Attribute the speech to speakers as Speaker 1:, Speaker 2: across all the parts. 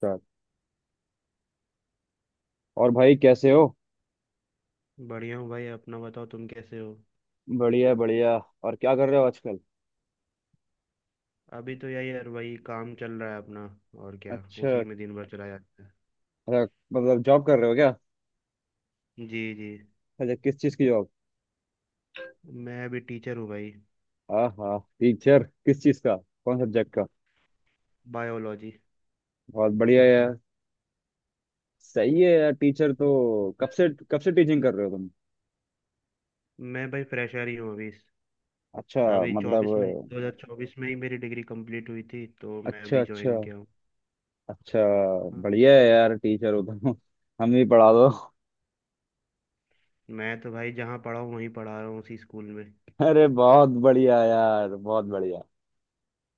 Speaker 1: Sir. और भाई कैसे हो?
Speaker 2: बढ़िया हूँ भाई। अपना बताओ तुम कैसे हो।
Speaker 1: बढ़िया बढ़िया। और क्या कर रहे हो आजकल?
Speaker 2: अभी तो यही यार वही काम चल रहा है अपना। और क्या।
Speaker 1: अच्छा
Speaker 2: उसी में दिन भर चला जाता है।
Speaker 1: अच्छा। मतलब जॉब कर रहे हो क्या?
Speaker 2: जी जी।
Speaker 1: अच्छा, किस चीज़ की जॉब?
Speaker 2: मैं अभी टीचर हूँ भाई।
Speaker 1: हाँ हाँ, टीचर किस चीज़ का? कौन सब्जेक्ट का?
Speaker 2: बायोलॉजी।
Speaker 1: बहुत बढ़िया यार। सही है यार, टीचर तो कब से टीचिंग कर रहे हो तुम?
Speaker 2: मैं भाई फ्रेशर ही हूँ अभी।
Speaker 1: अच्छा।
Speaker 2: अभी चौबीस
Speaker 1: मतलब
Speaker 2: में 2024 में ही मेरी डिग्री कंप्लीट हुई थी, तो मैं
Speaker 1: अच्छा
Speaker 2: अभी
Speaker 1: अच्छा।
Speaker 2: ज्वाइन किया हूँ।
Speaker 1: अच्छा।
Speaker 2: हाँ।
Speaker 1: बढ़िया है यार, टीचर हो तुम। हम भी पढ़ा दो।
Speaker 2: मैं तो भाई जहाँ पढ़ा हूँ वहीं पढ़ा रहा हूँ, उसी स्कूल में।
Speaker 1: अरे बहुत बढ़िया यार, बहुत बढ़िया।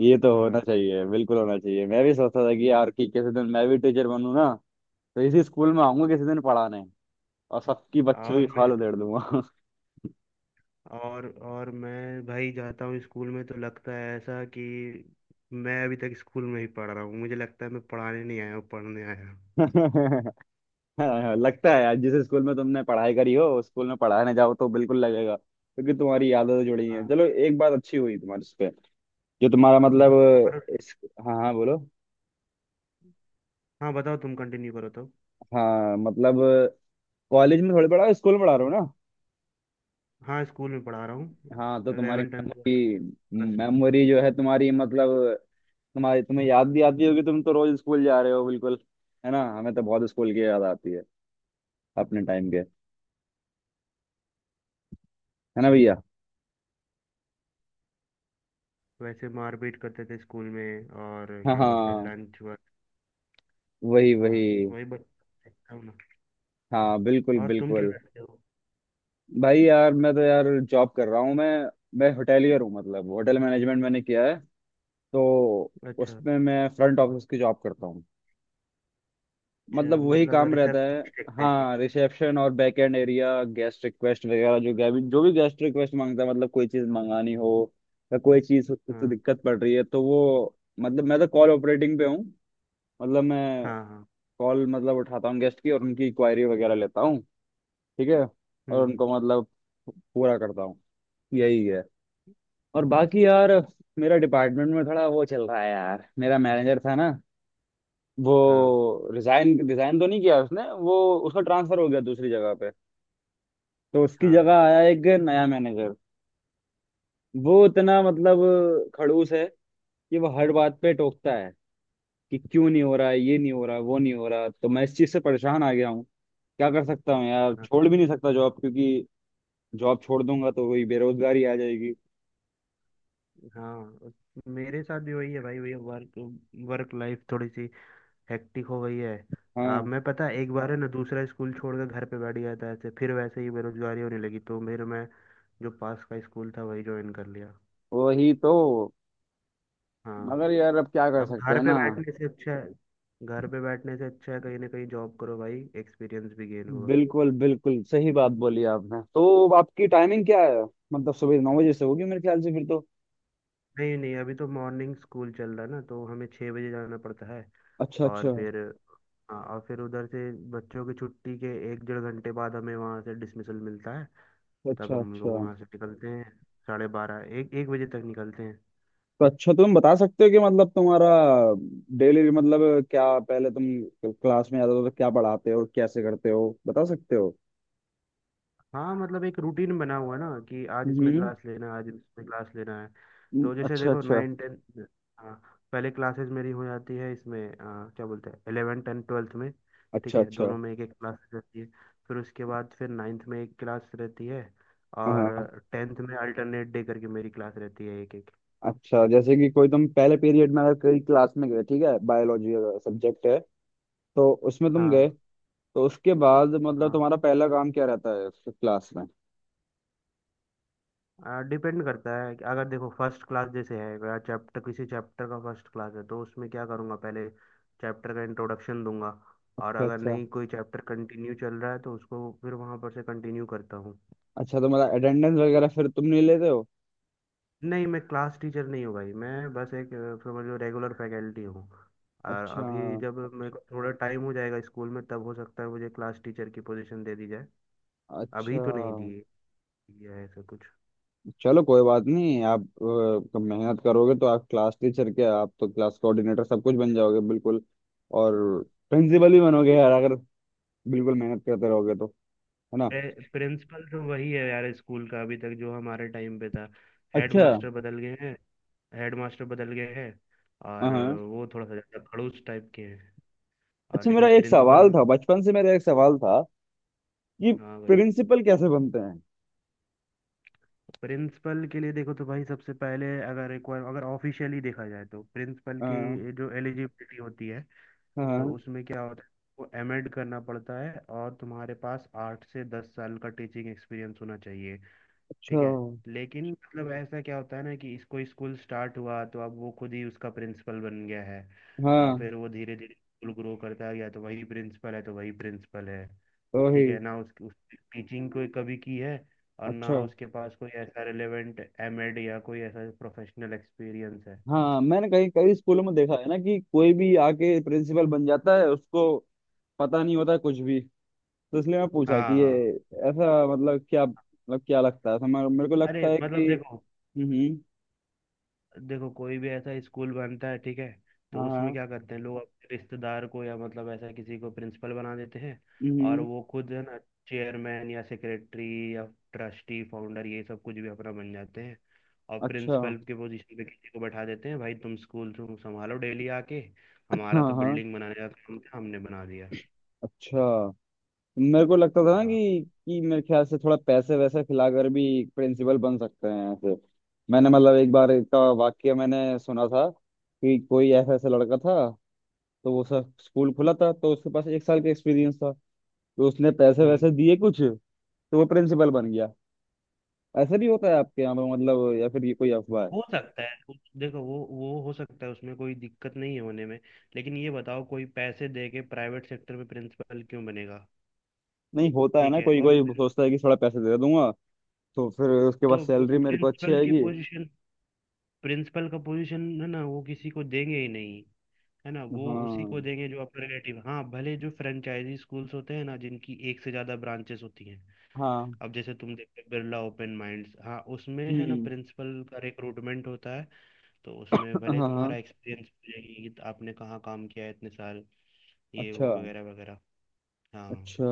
Speaker 1: ये तो होना
Speaker 2: हाँ।
Speaker 1: चाहिए, बिल्कुल होना चाहिए। मैं भी सोचता था कि यार कि किसी दिन मैं भी टीचर बनूं ना, तो इसी स्कूल में आऊंगा किसी दिन पढ़ाने, और सबकी बच्चों की
Speaker 2: और मैं,
Speaker 1: खाल उधेड़ दूंगा।
Speaker 2: और मैं भाई जाता हूँ स्कूल में तो लगता है ऐसा कि मैं अभी तक स्कूल में ही पढ़ रहा हूँ। मुझे लगता है मैं पढ़ाने नहीं आया हूँ, पढ़ने आया हूँ।
Speaker 1: हाँ, लगता है यार, जिस स्कूल में तुमने पढ़ाई करी हो उस स्कूल में पढ़ाने जाओ तो बिल्कुल लगेगा, क्योंकि तुम्हारी यादें तो जुड़ी हैं।
Speaker 2: हाँ।
Speaker 1: चलो एक बात अच्छी हुई तुम्हारे इस पे। जो तुम्हारा मतलब
Speaker 2: और।
Speaker 1: इस हाँ हाँ, बोलो।
Speaker 2: हाँ बताओ, तुम कंटिन्यू करो तो।
Speaker 1: हाँ, कॉलेज में थोड़ी पढ़ा, स्कूल में पढ़ा रहे हो ना।
Speaker 2: हाँ स्कूल में पढ़ा रहा हूँ।
Speaker 1: हाँ, तो तुम्हारी
Speaker 2: 11 tenth twelfth
Speaker 1: memory
Speaker 2: plus two
Speaker 1: memory
Speaker 2: school.
Speaker 1: जो है तुम्हारी मतलब तुम्हारी तुम्हें याद भी आती होगी, तुम तो रोज स्कूल जा रहे हो बिल्कुल। है ना, हमें तो बहुत स्कूल की याद आती है अपने टाइम के, है ना भैया।
Speaker 2: वैसे मारपीट करते थे स्कूल में, और
Speaker 1: हाँ
Speaker 2: क्या बोलते हैं
Speaker 1: हाँ,
Speaker 2: लंच वक्त।
Speaker 1: वही वही।
Speaker 2: हाँ वही बस देखता हूँ ना।
Speaker 1: हाँ, बिल्कुल
Speaker 2: और तुम क्या
Speaker 1: बिल्कुल।
Speaker 2: करते हो।
Speaker 1: भाई यार मैं तो यार जॉब कर रहा हूँ मैं। मैं होटेलियर हूँ, मतलब होटल मैनेजमेंट मैंने किया है। तो
Speaker 2: अच्छा
Speaker 1: उसमें मैं फ्रंट ऑफिस की जॉब करता हूँ।
Speaker 2: अच्छा,
Speaker 1: वही
Speaker 2: मतलब
Speaker 1: काम रहता है।
Speaker 2: रिसेप्शन एक तरीके।
Speaker 1: हाँ, रिसेप्शन और back end area, guest request वगैरह। जो भी गेस्ट रिक्वेस्ट मांगता है, कोई चीज़ मंगानी हो या कोई चीज़ उससे
Speaker 2: हाँ
Speaker 1: दिक्कत पड़ रही है, तो वो, मैं तो कॉल ऑपरेटिंग पे हूँ। मतलब मैं
Speaker 2: हाँ हाँ।
Speaker 1: कॉल उठाता हूँ गेस्ट की, और उनकी क्वायरी वगैरह लेता हूँ। ठीक है। और
Speaker 2: हम्म।
Speaker 1: उनको पूरा करता हूँ। यही है। और
Speaker 2: हाँ
Speaker 1: बाकी यार, मेरा डिपार्टमेंट में थोड़ा वो चल रहा है यार। मेरा मैनेजर था ना, वो
Speaker 2: हाँ।
Speaker 1: रिजाइन रिजाइन तो नहीं किया उसने, वो, उसका ट्रांसफर हो गया दूसरी जगह पे। तो उसकी जगह
Speaker 2: हाँ
Speaker 1: आया एक नया मैनेजर। वो इतना खड़ूस है कि वो हर बात पे टोकता है कि क्यों नहीं हो रहा है, ये नहीं हो रहा, वो नहीं हो रहा। तो मैं इस चीज से परेशान आ गया हूँ। क्या कर सकता हूँ यार, छोड़ भी नहीं सकता जॉब, क्योंकि जॉब छोड़ दूंगा तो वही बेरोजगारी आ जाएगी।
Speaker 2: हाँ। मेरे साथ भी वही है भाई। वही वर्क वर्क लाइफ थोड़ी सी हेक्टिक हो गई है।
Speaker 1: हाँ
Speaker 2: मैं, पता है, एक बार है ना, दूसरा स्कूल छोड़कर घर पे बैठ गया था ऐसे। फिर वैसे ही बेरोजगारी होने लगी, तो मेरे मैं जो पास का स्कूल था वही ज्वाइन कर लिया।
Speaker 1: वही तो। मगर
Speaker 2: हाँ।
Speaker 1: यार अब क्या कर
Speaker 2: अब
Speaker 1: सकते
Speaker 2: घर
Speaker 1: हैं
Speaker 2: पे
Speaker 1: ना।
Speaker 2: बैठने से अच्छा है। घर पे बैठने से अच्छा है, कहीं ना कहीं जॉब करो भाई, एक्सपीरियंस भी गेन होगा।
Speaker 1: बिल्कुल बिल्कुल, सही बात बोली आपने। तो आपकी टाइमिंग क्या है? मतलब सुबह नौ बजे से होगी मेरे ख्याल से फिर तो।
Speaker 2: नहीं नहीं, अभी तो मॉर्निंग स्कूल चल रहा है ना, तो हमें 6 बजे जाना पड़ता है।
Speaker 1: अच्छा
Speaker 2: और
Speaker 1: अच्छा।
Speaker 2: फिर। हाँ, और फिर उधर से बच्चों की छुट्टी के एक डेढ़ घंटे बाद हमें वहाँ से डिसमिसल मिलता है। तब
Speaker 1: अच्छा
Speaker 2: हम लोग
Speaker 1: अच्छा।
Speaker 2: वहाँ से निकलते हैं। साढ़े बारह, एक एक बजे तक निकलते हैं।
Speaker 1: तो अच्छा, तुम बता सकते हो कि मतलब तुम्हारा डेली, क्या पहले तुम क्लास में जाते हो तो क्या पढ़ाते हो, कैसे करते हो, बता सकते हो?
Speaker 2: हाँ मतलब एक रूटीन बना हुआ है ना कि आज इसमें
Speaker 1: हम्म।
Speaker 2: क्लास लेना है, आज इसमें क्लास लेना है। तो जैसे
Speaker 1: अच्छा
Speaker 2: देखो,
Speaker 1: अच्छा।
Speaker 2: Nine ten. हाँ। पहले क्लासेस मेरी हो जाती है इसमें, क्या बोलते हैं, एलेवन टेन ट्वेल्थ में। ठीक
Speaker 1: अच्छा
Speaker 2: है,
Speaker 1: अच्छा।
Speaker 2: दोनों में एक एक क्लास रहती है। फिर उसके बाद फिर नाइन्थ में एक क्लास रहती है।
Speaker 1: हाँ।
Speaker 2: और टेंथ में अल्टरनेट डे करके मेरी क्लास रहती है, एक एक।
Speaker 1: अच्छा, जैसे कि कोई तुम पहले पीरियड में अगर कोई क्लास में गए, ठीक है, बायोलॉजी सब्जेक्ट है, तो उसमें तुम गए,
Speaker 2: हाँ।
Speaker 1: तो उसके बाद मतलब
Speaker 2: हाँ
Speaker 1: तुम्हारा पहला काम क्या रहता है उस क्लास में?
Speaker 2: डिपेंड करता है कि, अगर देखो फर्स्ट क्लास जैसे है, चैप्टर, किसी चैप्टर का फर्स्ट क्लास है तो उसमें क्या करूँगा, पहले चैप्टर का इंट्रोडक्शन दूंगा। और
Speaker 1: अच्छा
Speaker 2: अगर
Speaker 1: अच्छा।
Speaker 2: नहीं, कोई चैप्टर कंटिन्यू चल रहा है तो उसको फिर वहाँ पर से कंटिन्यू करता हूँ।
Speaker 1: अच्छा, तो मतलब अटेंडेंस वगैरह फिर तुम नहीं लेते हो?
Speaker 2: नहीं, मैं क्लास टीचर नहीं हूँ भाई। मैं बस एक समझ लो, रेगुलर फैकल्टी हूँ। और
Speaker 1: अच्छा।
Speaker 2: अभी जब मेरे को थोड़ा टाइम हो जाएगा स्कूल में, तब हो सकता है मुझे क्लास टीचर की पोजीशन दे दी जाए। अभी
Speaker 1: अच्छा।
Speaker 2: तो नहीं दी है ऐसा कुछ।
Speaker 1: चलो कोई बात नहीं आप, मेहनत करोगे तो आप क्लास टीचर के, आप तो क्लास कोऑर्डिनेटर सब कुछ बन जाओगे बिल्कुल। और प्रिंसिपल भी बनोगे यार, अगर बिल्कुल मेहनत करते रहोगे तो, है ना।
Speaker 2: प्रिंसिपल तो वही है यार स्कूल का, अभी तक जो हमारे टाइम पे था। हेड
Speaker 1: अच्छा।
Speaker 2: मास्टर बदल गए हैं। हेड मास्टर बदल गए हैं। और
Speaker 1: हाँ।
Speaker 2: वो थोड़ा सा ज़्यादा खड़ूस टाइप के हैं। और
Speaker 1: अच्छा, मेरा
Speaker 2: लेकिन
Speaker 1: एक सवाल
Speaker 2: प्रिंसिपल।
Speaker 1: था बचपन से, मेरा एक सवाल था कि
Speaker 2: हाँ भाई।
Speaker 1: प्रिंसिपल कैसे बनते हैं?
Speaker 2: प्रिंसिपल के लिए देखो तो भाई, सबसे पहले अगर ऑफिशियली देखा जाए तो प्रिंसिपल
Speaker 1: हाँ
Speaker 2: की जो एलिजिबिलिटी होती है, तो
Speaker 1: हाँ।
Speaker 2: उसमें क्या होता है, वो एमएड करना पड़ता है और तुम्हारे पास 8 से 10 साल का टीचिंग एक्सपीरियंस होना चाहिए।
Speaker 1: अच्छा।
Speaker 2: ठीक है। लेकिन मतलब ऐसा क्या होता है ना कि इसको स्कूल स्टार्ट हुआ तो अब वो खुद ही उसका प्रिंसिपल बन गया है।
Speaker 1: हाँ।
Speaker 2: फिर वो धीरे धीरे स्कूल ग्रो करता गया, तो वही प्रिंसिपल है तो वही प्रिंसिपल है।
Speaker 1: ओही।
Speaker 2: ठीक है ना। उस टीचिंग कोई कभी की है, और ना
Speaker 1: अच्छा।
Speaker 2: उसके पास कोई ऐसा रिलेवेंट एमएड या कोई ऐसा प्रोफेशनल एक्सपीरियंस है।
Speaker 1: हाँ, मैंने कहीं कई स्कूलों में देखा है ना, कि कोई भी आके प्रिंसिपल बन जाता है, उसको पता नहीं होता कुछ भी। तो इसलिए मैं पूछा कि
Speaker 2: हाँ
Speaker 1: ये
Speaker 2: हाँ।
Speaker 1: ऐसा, मतलब क्या, मतलब क्या लगता है? तो मेरे मेरे को
Speaker 2: अरे
Speaker 1: लगता है
Speaker 2: मतलब
Speaker 1: कि,
Speaker 2: देखो,
Speaker 1: हम्म।
Speaker 2: देखो कोई भी ऐसा स्कूल बनता है, ठीक है, तो
Speaker 1: हाँ
Speaker 2: उसमें
Speaker 1: हाँ।
Speaker 2: क्या करते हैं, लोग अपने रिश्तेदार को या मतलब ऐसा किसी को प्रिंसिपल बना देते हैं। और
Speaker 1: हम्म।
Speaker 2: वो खुद है ना, चेयरमैन या सेक्रेटरी या ट्रस्टी फाउंडर, ये सब कुछ भी अपना बन जाते हैं। और
Speaker 1: अच्छा।
Speaker 2: प्रिंसिपल के पोजीशन पे किसी को बैठा देते हैं, भाई तुम स्कूल तुम संभालो डेली आके। हमारा
Speaker 1: हाँ
Speaker 2: तो
Speaker 1: हाँ।
Speaker 2: बिल्डिंग बनाने का काम था, हमने बना दिया।
Speaker 1: अच्छा, मेरे को लगता था ना
Speaker 2: हाँ।
Speaker 1: कि मेरे ख्याल से थोड़ा पैसे वैसे खिलाकर भी प्रिंसिपल बन सकते हैं ऐसे। मैंने एक बार का वाक्य मैंने सुना था कि कोई ऐसा ऐसा लड़का था, तो वो सर स्कूल खुला था, तो उसके पास एक साल का एक्सपीरियंस था, तो उसने पैसे वैसे
Speaker 2: हम्म।
Speaker 1: दिए कुछ, तो वो प्रिंसिपल बन गया। ऐसा भी होता है आपके यहाँ पे मतलब, या फिर ये कोई अफवाह है?
Speaker 2: हो सकता है देखो, वो हो सकता है, उसमें कोई दिक्कत नहीं है होने में। लेकिन ये बताओ, कोई पैसे दे के प्राइवेट सेक्टर में प्रिंसिपल क्यों बनेगा।
Speaker 1: नहीं होता है
Speaker 2: ठीक
Speaker 1: ना,
Speaker 2: है।
Speaker 1: कोई
Speaker 2: और
Speaker 1: कोई सोचता है कि थोड़ा पैसे दे दूंगा तो फिर उसके
Speaker 2: तो
Speaker 1: बाद
Speaker 2: वो
Speaker 1: सैलरी मेरे को अच्छी
Speaker 2: प्रिंसिपल की
Speaker 1: आएगी।
Speaker 2: पोजीशन, प्रिंसिपल का पोजीशन है ना, वो किसी को देंगे ही नहीं। है ना, वो उसी को
Speaker 1: हाँ
Speaker 2: देंगे जो अपने रिलेटिव। हाँ भले जो फ्रेंचाइजी स्कूल्स होते हैं ना, जिनकी एक से ज्यादा ब्रांचेस होती हैं,
Speaker 1: हाँ।
Speaker 2: अब जैसे तुम देखते हो, बिरला ओपन माइंड्स, हाँ उसमें है ना,
Speaker 1: हम्म।
Speaker 2: प्रिंसिपल का रिक्रूटमेंट होता है। तो उसमें
Speaker 1: हाँ
Speaker 2: भले तुम्हारा
Speaker 1: हाँ।
Speaker 2: एक्सपीरियंस पूछेगी कि आपने कहाँ काम किया है, इतने साल, ये वो
Speaker 1: अच्छा।
Speaker 2: वगैरह वगैरह। हाँ।
Speaker 1: अच्छा।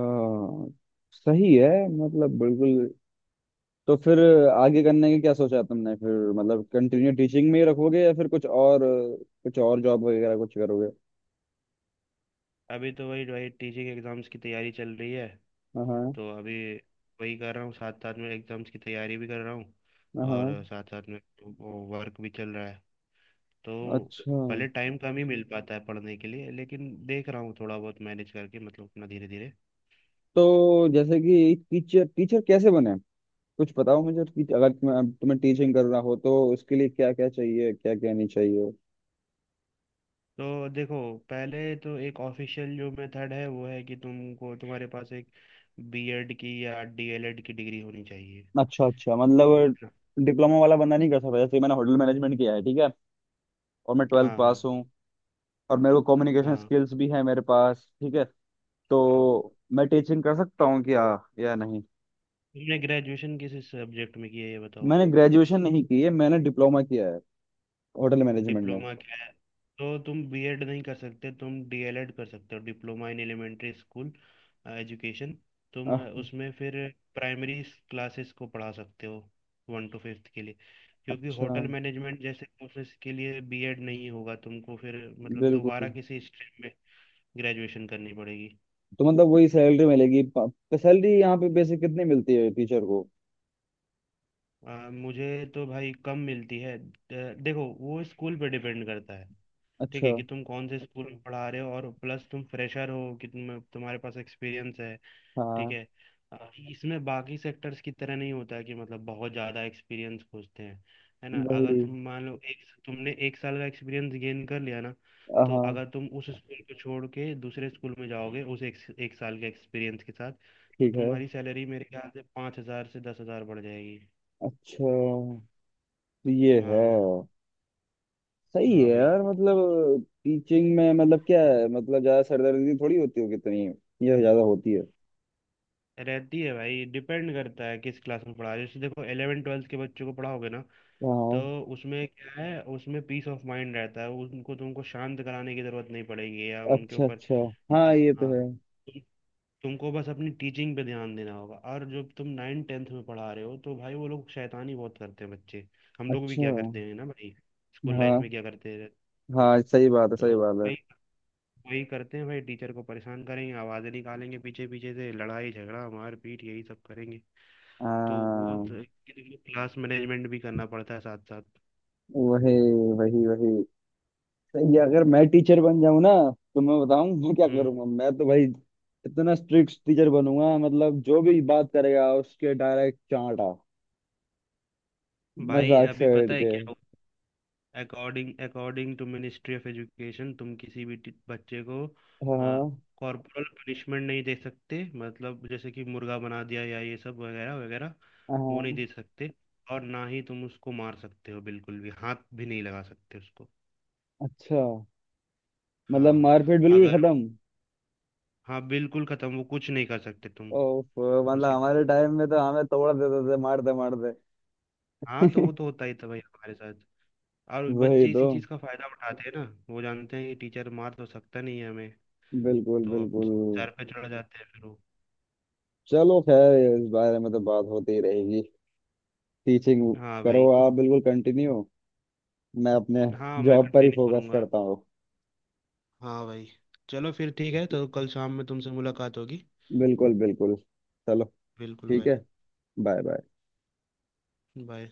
Speaker 1: सही है। बिल्कुल। तो फिर आगे करने की क्या सोचा है तुमने फिर? मतलब कंटिन्यू टीचिंग में ही रखोगे या फिर कुछ और, कुछ और जॉब वगैरह कुछ करोगे?
Speaker 2: अभी तो वही वही टीसी के एग्ज़ाम्स की तैयारी चल रही है।
Speaker 1: हाँ हाँ।
Speaker 2: तो अभी वही कर रहा हूँ, साथ साथ में एग्ज़ाम्स की तैयारी भी कर रहा हूँ।
Speaker 1: हाँ।
Speaker 2: और साथ साथ में वो वर्क भी चल रहा है। तो
Speaker 1: अच्छा,
Speaker 2: भले टाइम कम ही मिल पाता है पढ़ने के लिए, लेकिन देख रहा हूँ थोड़ा बहुत मैनेज करके, मतलब अपना धीरे धीरे।
Speaker 1: तो जैसे कि टीचर, टीचर कैसे बने, कुछ बताओ मुझे, कि अगर तुम्हें टीचिंग करना हो तो उसके लिए क्या क्या चाहिए, क्या क्या नहीं चाहिए?
Speaker 2: तो देखो, पहले तो एक ऑफिशियल जो मेथड है वो है कि तुमको, तुम्हारे पास एक बीएड की या डीएलएड की डिग्री होनी चाहिए।
Speaker 1: अच्छा अच्छा।
Speaker 2: हम्म।
Speaker 1: मतलब डिप्लोमा वाला बंदा नहीं कर सकता? जैसे मैंने होटल मैनेजमेंट किया है, ठीक है, और मैं ट्वेल्थ
Speaker 2: हाँ
Speaker 1: पास
Speaker 2: हाँ।
Speaker 1: हूँ, और मेरे को कम्युनिकेशन
Speaker 2: हाँ
Speaker 1: स्किल्स भी है मेरे पास, ठीक है,
Speaker 2: हाँ।
Speaker 1: तो मैं टीचिंग कर सकता हूँ क्या या नहीं?
Speaker 2: तुमने ग्रेजुएशन किस सब्जेक्ट में की है ये बताओ।
Speaker 1: मैंने ग्रेजुएशन नहीं की है, मैंने डिप्लोमा किया है होटल मैनेजमेंट में।
Speaker 2: डिप्लोमा क्या है। तो तुम बीएड नहीं कर सकते, तुम डीएलएड कर सकते हो, diploma in elementary school education. तुम
Speaker 1: आह,
Speaker 2: उसमें फिर प्राइमरी क्लासेस को पढ़ा सकते हो, वन टू फिफ्थ के लिए। क्योंकि
Speaker 1: अच्छा।
Speaker 2: होटल मैनेजमेंट जैसे कोर्सेज के लिए बीएड नहीं होगा, तुमको फिर मतलब दोबारा
Speaker 1: बिल्कुल।
Speaker 2: किसी स्ट्रीम में ग्रेजुएशन करनी पड़ेगी।
Speaker 1: तो मतलब वही सैलरी मिलेगी? सैलरी यहाँ पे बेसिक कितनी मिलती है टीचर को?
Speaker 2: मुझे तो भाई कम मिलती है। देखो, वो स्कूल पे डिपेंड करता है। ठीक है
Speaker 1: अच्छा।
Speaker 2: कि तुम कौन से स्कूल में पढ़ा रहे हो, और प्लस तुम फ्रेशर हो कि तुम, तुम्हारे पास एक्सपीरियंस है। ठीक
Speaker 1: हाँ
Speaker 2: है। इसमें बाकी सेक्टर्स की तरह नहीं होता है कि मतलब बहुत ज़्यादा एक्सपीरियंस खोजते हैं। है ना, अगर
Speaker 1: वही।
Speaker 2: तुम मान लो, एक, तुमने एक साल का एक्सपीरियंस गेन कर लिया ना,
Speaker 1: हाँ
Speaker 2: तो
Speaker 1: हाँ,
Speaker 2: अगर तुम उस स्कूल को छोड़ के दूसरे स्कूल में जाओगे उस एक साल के एक्सपीरियंस के साथ, तो
Speaker 1: ठीक है।
Speaker 2: तुम्हारी सैलरी मेरे ख्याल से 5 हज़ार से 10 हज़ार बढ़ जाएगी।
Speaker 1: अच्छा, तो ये है।
Speaker 2: हाँ।
Speaker 1: सही है
Speaker 2: हाँ भाई।
Speaker 1: यार। मतलब टीचिंग में मतलब क्या है, मतलब ज्यादा सरदर्दी थोड़ी होती होगी इतनी, ये ज्यादा होती है?
Speaker 2: रहती है भाई, डिपेंड करता है किस क्लास में पढ़ा रहे हो। जैसे देखो, इलेवन ट्वेल्थ के बच्चों को पढ़ाओगे ना, तो
Speaker 1: हाँ।
Speaker 2: उसमें क्या है, उसमें पीस ऑफ माइंड रहता है, उनको तुमको शांत कराने की जरूरत नहीं पड़ेगी, या उनके
Speaker 1: अच्छा
Speaker 2: ऊपर।
Speaker 1: अच्छा। हाँ,
Speaker 2: हाँ
Speaker 1: ये तो
Speaker 2: हाँ।
Speaker 1: है।
Speaker 2: तुम- तुमको बस अपनी टीचिंग पे ध्यान देना होगा। और जब तुम नाइन टेंथ में पढ़ा रहे हो तो भाई, वो लोग शैतानी बहुत करते हैं बच्चे। हम लोग भी
Speaker 1: अच्छा।
Speaker 2: क्या करते हैं ना भाई, स्कूल लाइफ
Speaker 1: हाँ
Speaker 2: में क्या करते हैं,
Speaker 1: हाँ, सही बात है,
Speaker 2: तो
Speaker 1: सही बात है।
Speaker 2: भाई, वही करते हैं भाई, टीचर को परेशान करेंगे, आवाज़ें निकालेंगे, पीछे पीछे से लड़ाई झगड़ा मार पीट, यही सब करेंगे। तो वो
Speaker 1: हाँ
Speaker 2: तो- क्लास मैनेजमेंट भी करना पड़ता है साथ साथ।
Speaker 1: वही वही वही। ये अगर मैं टीचर बन जाऊं ना, तो मैं बताऊं मैं क्या
Speaker 2: हम्म।
Speaker 1: करूंगा। मैं तो भाई इतना स्ट्रिक्ट टीचर बनूंगा, मतलब जो भी बात करेगा उसके डायरेक्ट चांटा।
Speaker 2: भाई
Speaker 1: मजाक
Speaker 2: अभी
Speaker 1: से हट
Speaker 2: पता है
Speaker 1: के।
Speaker 2: क्या, according according to ministry of education, तुम किसी भी बच्चे को
Speaker 1: हाँ।
Speaker 2: कॉर्पोरल पनिशमेंट नहीं दे सकते, मतलब जैसे कि मुर्गा बना दिया या ये सब वगैरह वगैरह। वो नहीं
Speaker 1: हाँ।
Speaker 2: दे सकते, और ना ही तुम उसको मार सकते हो, बिल्कुल भी हाथ भी नहीं लगा सकते उसको।
Speaker 1: अच्छा, मतलब
Speaker 2: हाँ।
Speaker 1: मारपीट बिल्कुल
Speaker 2: अगर
Speaker 1: खत्म?
Speaker 2: हाँ बिल्कुल खत्म, वो कुछ नहीं कर सकते तुम
Speaker 1: ओफ, मतलब
Speaker 2: उसके साथ।
Speaker 1: हमारे टाइम में तो हमें तोड़ देते थे मारते मारते।
Speaker 2: हाँ, तो वो तो होता ही था भाई हमारे साथ। और
Speaker 1: वही
Speaker 2: बच्चे
Speaker 1: तो।
Speaker 2: इसी चीज़ का फायदा उठाते हैं ना, वो जानते हैं कि टीचर मार तो सकता नहीं है हमें।
Speaker 1: बिल्कुल
Speaker 2: तो अब
Speaker 1: बिल्कुल।
Speaker 2: सर पे चढ़ जाते हैं फिर वो।
Speaker 1: चलो खैर, इस बारे में तो बात होती ही रहेगी। टीचिंग
Speaker 2: हाँ
Speaker 1: करो
Speaker 2: भाई।
Speaker 1: आप बिल्कुल, कंटिन्यू। मैं अपने
Speaker 2: हाँ मैं
Speaker 1: जॉब पर ही
Speaker 2: कंटिन्यू
Speaker 1: फोकस
Speaker 2: करूँगा।
Speaker 1: करता हूँ।
Speaker 2: हाँ भाई। चलो फिर ठीक है, तो कल शाम में तुमसे मुलाकात होगी।
Speaker 1: बिल्कुल बिल्कुल। चलो,
Speaker 2: बिल्कुल
Speaker 1: ठीक
Speaker 2: भाई।
Speaker 1: है। Bye bye.
Speaker 2: बाय।